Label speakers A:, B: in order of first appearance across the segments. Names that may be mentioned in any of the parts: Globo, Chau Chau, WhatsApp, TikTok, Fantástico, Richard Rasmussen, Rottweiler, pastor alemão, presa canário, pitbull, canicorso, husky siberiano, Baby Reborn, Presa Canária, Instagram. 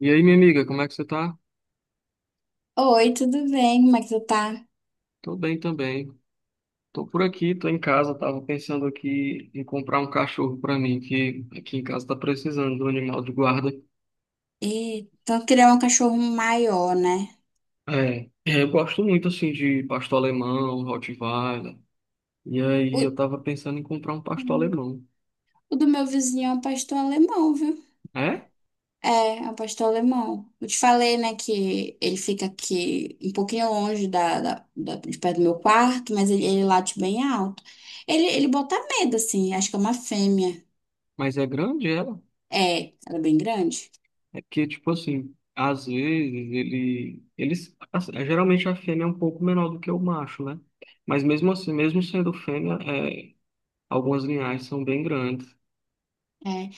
A: E aí, minha amiga, como é que você tá?
B: Oi, tudo bem? Como é que tu tá?
A: Tô bem também. Tô por aqui, tô em casa, tava pensando aqui em comprar um cachorro pra mim, que aqui em casa tá precisando de um animal de guarda.
B: E então criar um cachorro maior, né?
A: Eu gosto muito assim de pastor alemão, Rottweiler. E
B: O,
A: aí eu tava pensando em comprar um pastor
B: Hum.
A: alemão.
B: O do meu vizinho é um pastor alemão, viu?
A: É?
B: É, é um pastor alemão. Eu te falei, né, que ele fica aqui um pouquinho longe de perto do meu quarto, mas ele late bem alto. Ele bota medo, assim, acho que é uma fêmea.
A: Mas é grande ela?
B: É, ela é bem grande.
A: É porque, tipo assim, às vezes ele, eles, assim, geralmente a fêmea é um pouco menor do que o macho, né? Mas mesmo assim, mesmo sendo fêmea, algumas linhagens são bem grandes.
B: É.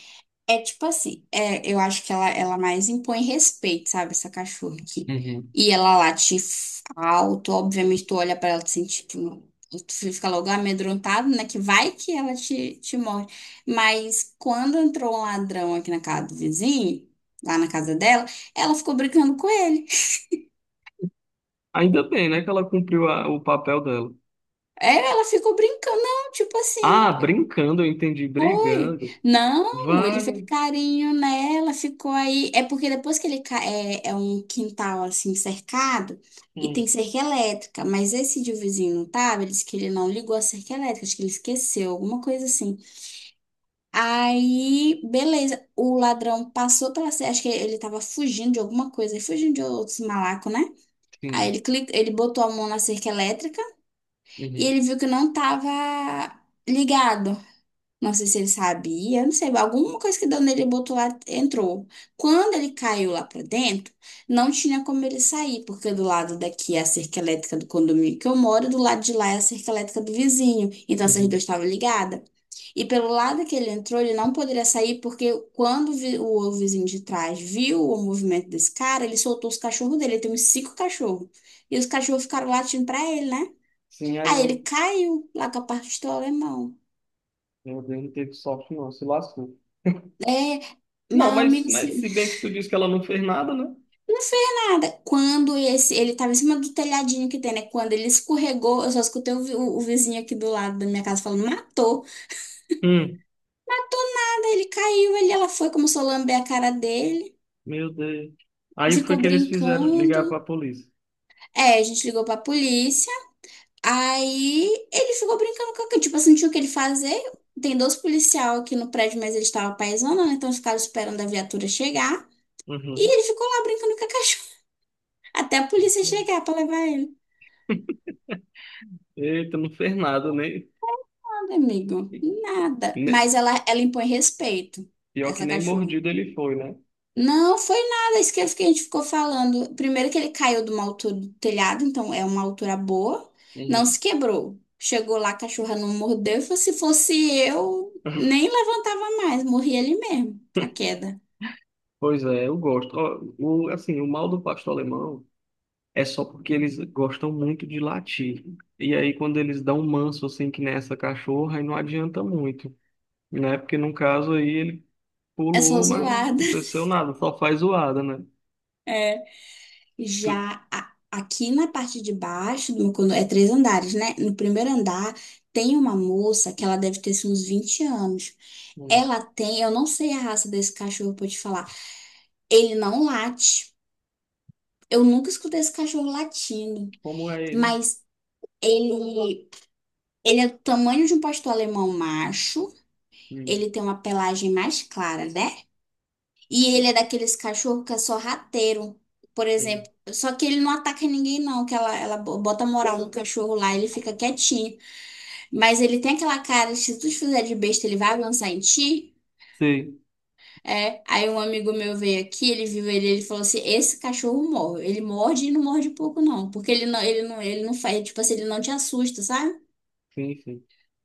B: É tipo assim, eu acho que ela mais impõe respeito, sabe? Essa cachorra aqui.
A: Uhum.
B: E ela late alto, obviamente tu olha pra ela e tu sente, tipo, tu fica logo amedrontado, né? Que vai que ela te morde. Mas quando entrou um ladrão aqui na casa do vizinho, lá na casa dela, ela ficou brincando com ele.
A: Ainda bem, né, que ela cumpriu o papel dela.
B: É, ela ficou brincando, não, tipo assim.
A: Ah, brincando, eu entendi,
B: Foi?
A: brigando.
B: Não, ele fez
A: Vale.
B: carinho nela, ficou aí. É porque depois que é um quintal assim cercado e tem
A: Hum,
B: cerca elétrica, mas esse de vizinho não tava. Ele disse que ele não ligou a cerca elétrica, acho que ele esqueceu, alguma coisa assim. Aí, beleza, o ladrão passou pela cerca, acho que ele tava fugindo de alguma coisa, fugindo de outros malacos, né? Aí
A: sim.
B: ele clica, ele botou a mão na cerca elétrica e
A: Uhum,
B: ele viu que não tava ligado. Não sei se ele sabia, não sei, alguma coisa que deu nele, ele botou lá, entrou. Quando ele caiu lá pra dentro, não tinha como ele sair, porque do lado daqui é a cerca elétrica do condomínio que eu moro, e do lado de lá é a cerca elétrica do vizinho. Então essas duas
A: uhum.
B: estavam ligadas. E pelo lado que ele entrou, ele não poderia sair, porque quando o vizinho de trás viu o movimento desse cara, ele soltou os cachorros dele. Ele tem uns cinco cachorros. E os cachorros ficaram latindo pra ele, né?
A: Sim, aí
B: Aí ele
A: o
B: caiu lá com a parte do alemão.
A: meu Deus, não teve sorte, não, se lascou.
B: É,
A: Não,
B: mas amigo,
A: mas se bem que tu disse que ela não fez nada, né?
B: não fez nada. Quando esse, ele tava em cima do telhadinho que tem, né? Quando ele escorregou, eu só escutei o vizinho aqui do lado da minha casa falando, matou.
A: Hum,
B: Matou nada, ele caiu, ele, ela foi, começou a lamber a cara dele,
A: meu Deus. Aí o que foi
B: ficou
A: que eles fizeram? Ligar
B: brincando.
A: pra polícia.
B: É, a gente ligou pra polícia, aí ele ficou brincando com aquilo, tipo assim, não tinha o que ele fazer. Tem dois policial aqui no prédio, mas eles estavam paisando, né? Então eles ficaram esperando a viatura chegar. E
A: Uhum.
B: ele ficou lá brincando com a cachorra, até a polícia chegar pra levar ele.
A: Eita, não fez nada, nem.
B: Nada, amigo. Nada.
A: nem-
B: Mas ela impõe respeito,
A: Pior que
B: essa
A: nem
B: cachorra.
A: mordido ele foi, né?
B: Não foi nada isso que a gente ficou falando. Primeiro que ele caiu de uma altura do telhado, então é uma altura boa. Não
A: Uhum.
B: se quebrou. Chegou lá, a cachorra não mordeu. E falou, se fosse eu, nem levantava mais. Morri ali mesmo, com a queda.
A: Pois é, eu gosto. Ó, o, assim, o mal do pastor alemão é só porque eles gostam muito de latir. E aí, quando eles dão um manso assim, que nessa cachorra, aí não adianta muito, né? Porque no caso aí ele
B: É só
A: pulou, mas não
B: zoada.
A: aconteceu nada, só faz zoada, né? Tu-
B: Já aqui na parte de baixo, é três andares, né? No primeiro andar tem uma moça que ela deve ter assim, uns 20 anos.
A: Hum.
B: Ela tem, eu não sei a raça desse cachorro pra te falar. Ele não late. Eu nunca escutei esse cachorro latindo,
A: Como é ele?
B: mas ele ele é do tamanho de um pastor alemão macho.
A: Hum,
B: Ele tem uma pelagem mais clara, né? E ele é daqueles cachorro que é só sorrateiro, por
A: hum.
B: exemplo. Só que ele não ataca ninguém, não, que ela bota moral no cachorro lá, ele fica quietinho. Mas ele tem aquela cara, se tu te fizer de besta, ele vai avançar em ti.
A: Sei,
B: É, aí um amigo meu veio aqui, ele viu ele, ele falou assim, esse cachorro morre. Ele morde e não morde pouco, não. Porque ele não faz, tipo assim, ele não te assusta, sabe?
A: sim, sim.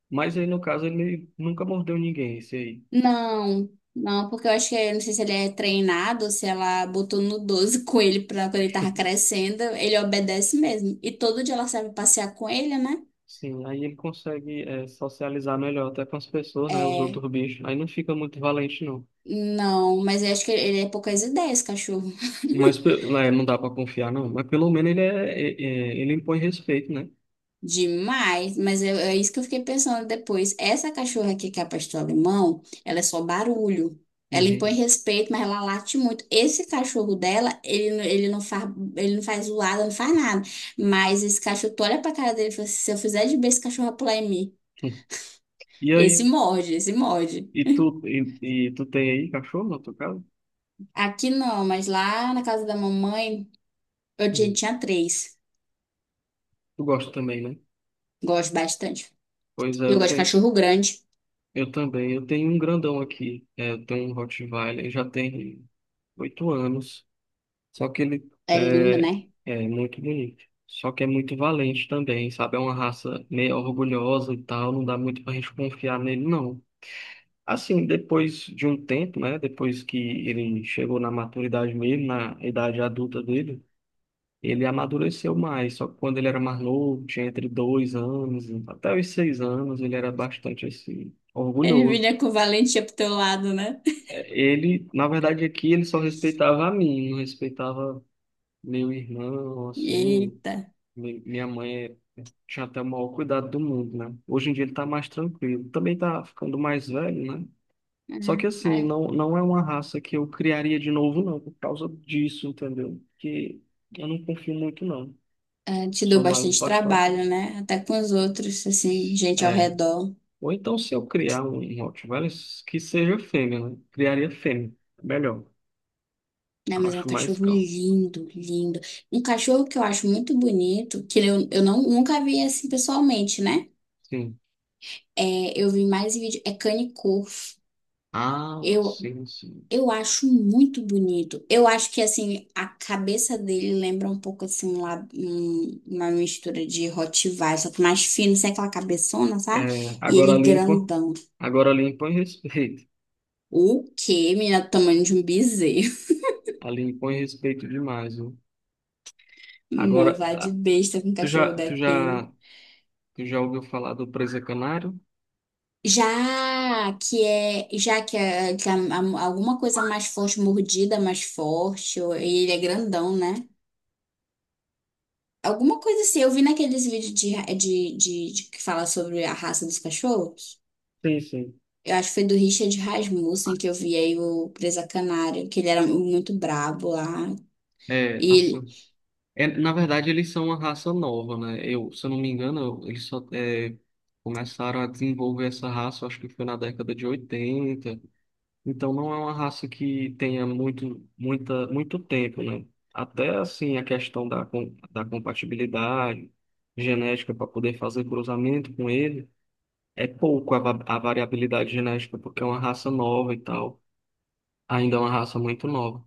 A: Mas aí no caso ele nunca mordeu ninguém, esse aí.
B: Não, não, porque eu acho que, eu não sei se ele é treinado, se ela botou no 12 com ele pra quando ele tava crescendo, ele obedece mesmo. E todo dia ela serve passear com ele, né?
A: Sim, aí ele consegue socializar melhor até com as pessoas, né? Os
B: É,
A: outros bichos. Aí não fica muito valente, não.
B: não, mas eu acho que ele é poucas ideias, cachorro.
A: Mas né, não dá para confiar, não. Mas pelo menos ele, ele impõe respeito, né?
B: Demais, mas é isso que eu fiquei pensando depois. Essa cachorra aqui que é a pastor alemão, ela é só barulho. Ela impõe
A: Uhum.
B: respeito, mas ela late muito. Esse cachorro dela, ele não faz zoada, não faz nada. Mas esse cachorro, tu olha pra cara dele e fala assim, se eu fizer de bem, esse cachorro vai pular em mim.
A: E
B: Esse
A: aí,
B: morde, esse morde.
A: e tu, e, e tu tem aí cachorro na tua casa?
B: Aqui não, mas lá na casa da mamãe, eu tinha,
A: Uhum.
B: tinha três.
A: Tu gosta também, né?
B: Gosto bastante.
A: Pois é,
B: E eu
A: eu
B: gosto de
A: tenho,
B: cachorro grande.
A: eu também. Eu tenho um grandão aqui. É, eu tenho um Rottweiler, ele já tem 8 anos. Só que ele
B: É lindo, né?
A: é muito bonito. Só que é muito valente também, sabe? É uma raça meio orgulhosa e tal. Não dá muito pra gente confiar nele, não. Assim, depois de um tempo, né? Depois que ele chegou na maturidade mesmo, na idade adulta dele, ele amadureceu mais. Só que quando ele era mais novo, tinha entre 2 anos, até os 6 anos, ele era bastante assim,
B: Ele
A: orgulhoso.
B: vinha com valentia pro teu lado, né?
A: É. Ele, na verdade, aqui ele só respeitava a mim, não respeitava meu irmão, assim.
B: Eita.
A: Minha mãe tinha até o maior cuidado do mundo, né? Hoje em dia ele tá mais tranquilo. Também tá ficando mais velho, né?
B: É,
A: Só que assim,
B: é,
A: não, não é uma raça que eu criaria de novo, não, por causa disso, entendeu? Porque eu não confio muito, não.
B: é, te deu
A: Sou mais um
B: bastante
A: pastor.
B: trabalho, né? Até com os outros, assim, gente ao
A: É.
B: redor.
A: Ou então, se eu criar um Rottweiler, que seja fêmea, né? Criaria fêmea. Melhor.
B: Né?
A: Eu
B: Mas é um
A: acho mais
B: cachorro
A: calmo.
B: lindo, lindo. Um cachorro que eu acho muito bonito, que eu não, nunca vi assim pessoalmente, né?
A: Sim.
B: É, eu vi mais em vídeo, é Canicor.
A: Ah,
B: Eu,
A: sim, sim.
B: eu acho muito bonito. Eu acho que, assim, a cabeça dele lembra um pouco, assim, uma mistura de Rottweiler, só que mais fino, sem aquela cabeçona, sabe?
A: É,
B: E
A: agora
B: ele
A: limpa.
B: grandão.
A: Agora limpa em respeito.
B: O quê, menina? Do tamanho de um bezerro.
A: A limpa em respeito demais, viu? Agora,
B: Não vá de besta com um
A: tu
B: cachorro
A: já, tu já,
B: daquele.
A: tu já ouviu falar do presa canário?
B: Já que, é, que a- alguma coisa mais forte, mordida mais forte, e ele é grandão, né? Alguma coisa assim, eu vi naqueles vídeos de, ra- de que fala sobre a raça dos cachorros.
A: Sim, sim.
B: Eu acho que foi do Richard Rasmussen que eu vi aí o Presa Canária, que ele era muito brabo lá.
A: É,
B: E ele,
A: assim, na verdade eles são uma raça nova, né? Eu, se eu não me engano, eles começaram a desenvolver essa raça, acho que foi na década de 80. Então não é uma raça que tenha muito tempo, né? Até assim a questão da compatibilidade genética para poder fazer cruzamento com ele, é pouco a variabilidade genética, porque é uma raça nova e tal. Ainda é uma raça muito nova.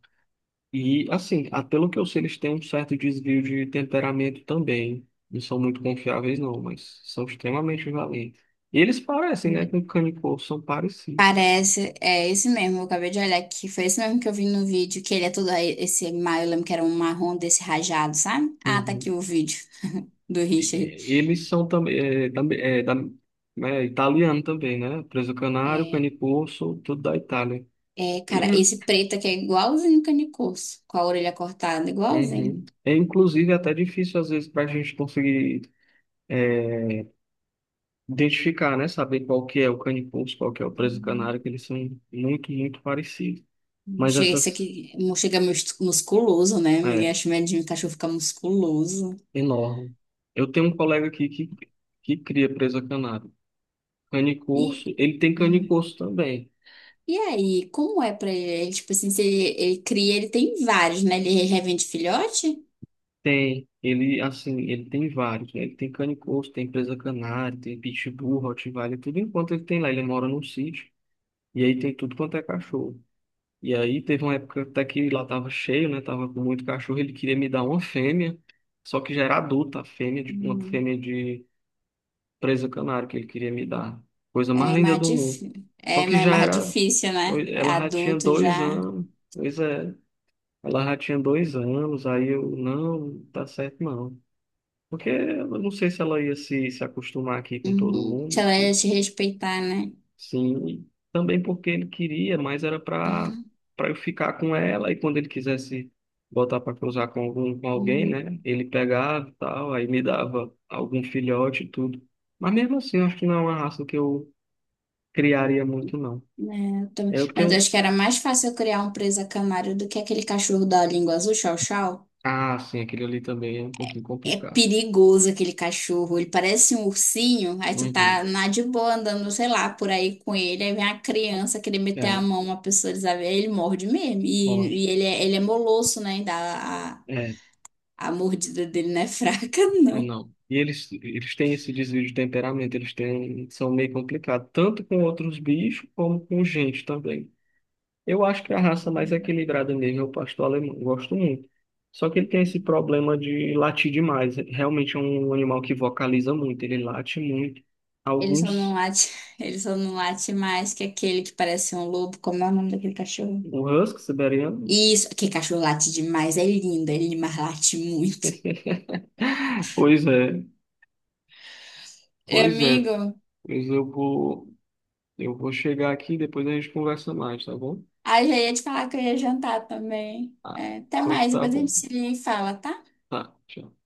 A: E, assim, ah, pelo que eu sei, eles têm um certo desvio de temperamento também. Não são muito confiáveis, não, mas são extremamente valentes. E eles parecem, né, com canicorso, são parecidos.
B: parece, é esse mesmo, eu acabei de olhar aqui, foi esse mesmo que eu vi no vídeo, que ele é todo esse, mar eu lembro que era um marrom desse rajado, sabe? Ah, tá aqui
A: Uhum.
B: o vídeo do
A: E-
B: Richard.
A: e- Eles são também, é, também- é, da- italiano também, né? Preso canário,
B: É,
A: canicorso, tudo da Itália.
B: é, cara, esse preto aqui é igualzinho o Canicos, com a orelha cortada, igualzinho.
A: Uhum. É, inclusive, é até difícil, às vezes, para a gente conseguir é, identificar, né? Saber qual que é o canicorso, qual que é o preso canário, que eles são muito, muito parecidos.
B: Hum.
A: Mas
B: Chega esse
A: essas
B: aqui, chega musculoso, né? Miguel
A: é
B: acho medinho, o cachorro fica musculoso.
A: enorme. Eu tenho um colega aqui que cria presa canário.
B: E,
A: Canicorso, ele tem canicorso também.
B: e aí, como é pra ele? Tipo assim, se ele cria, ele tem vários, né? Ele revende filhote?
A: Tem, ele assim, ele tem vários, né? Ele tem canicorso, tem presa canário, tem pitbull, rottweiler, tudo enquanto ele tem lá. Ele mora num sítio e aí tem tudo quanto é cachorro. E aí teve uma época até que lá tava cheio, né? Tava com muito cachorro, ele queria me dar uma fêmea, só que já era adulta, a fêmea de uma
B: Hum.
A: fêmea de presa canário que ele queria me dar. Coisa mais
B: É
A: linda
B: mais,
A: do
B: dif...
A: mundo. Só
B: é
A: que
B: mais
A: já
B: mais
A: era.
B: difícil, né?
A: Ela já tinha
B: Adulto
A: dois
B: já.
A: anos. Pois é. Ela já tinha dois anos. Aí eu, não, não tá certo não. Porque eu não sei se ela ia se acostumar aqui com todo
B: Uhum. Se
A: mundo.
B: ela ia te respeitar, né?
A: Sim. Também porque ele queria, mas era
B: Aham.
A: pra eu ficar com ela. E quando ele quisesse botar pra cruzar com algum, com alguém,
B: Uhum.
A: né? Ele pegava e tal. Aí me dava algum filhote e tudo. Mas mesmo assim, eu acho que não é uma raça que eu criaria muito, não.
B: É, eu também.
A: É, eu
B: Mas eu
A: tenho.
B: acho que era mais fácil eu criar um presa canário do que aquele cachorro da língua azul, chau chau.
A: Ah, sim, aquele ali também é um pouquinho
B: É
A: complicado.
B: perigoso aquele cachorro. Ele parece um ursinho. Aí tu tá
A: Uhum.
B: na de boa andando, sei lá, por aí com ele. Aí vem a criança querer meter a
A: É,
B: mão, uma pessoa desabia, ele morde mesmo.
A: ó,
B: E ele é molosso, né? Ainda a, a
A: é,
B: a mordida dele não é fraca,
A: mas
B: não.
A: não. E eles têm esse desvio de temperamento, eles têm, são meio complicados, tanto com outros bichos como com gente também. Eu acho que a raça mais equilibrada mesmo é o pastor alemão, eu gosto muito. Só que ele tem esse problema de latir demais. Realmente é um animal que vocaliza muito, ele late muito.
B: Ele só não
A: Alguns,
B: late, ele só não late mais que aquele que parece um lobo. Como é o nome daquele cachorro?
A: o husky siberiano.
B: Isso, que cachorro late demais, é lindo, ele mas late muito.
A: Pois é.
B: E,
A: Pois é,
B: amigo,
A: pois eu vou, eu vou chegar aqui e depois a gente conversa mais, tá bom?
B: ah, já ia te falar que eu ia jantar também.
A: Ah,
B: É, até
A: pois
B: mais,
A: tá
B: depois a
A: bom.
B: gente se fala, tá?
A: Tá, tchau.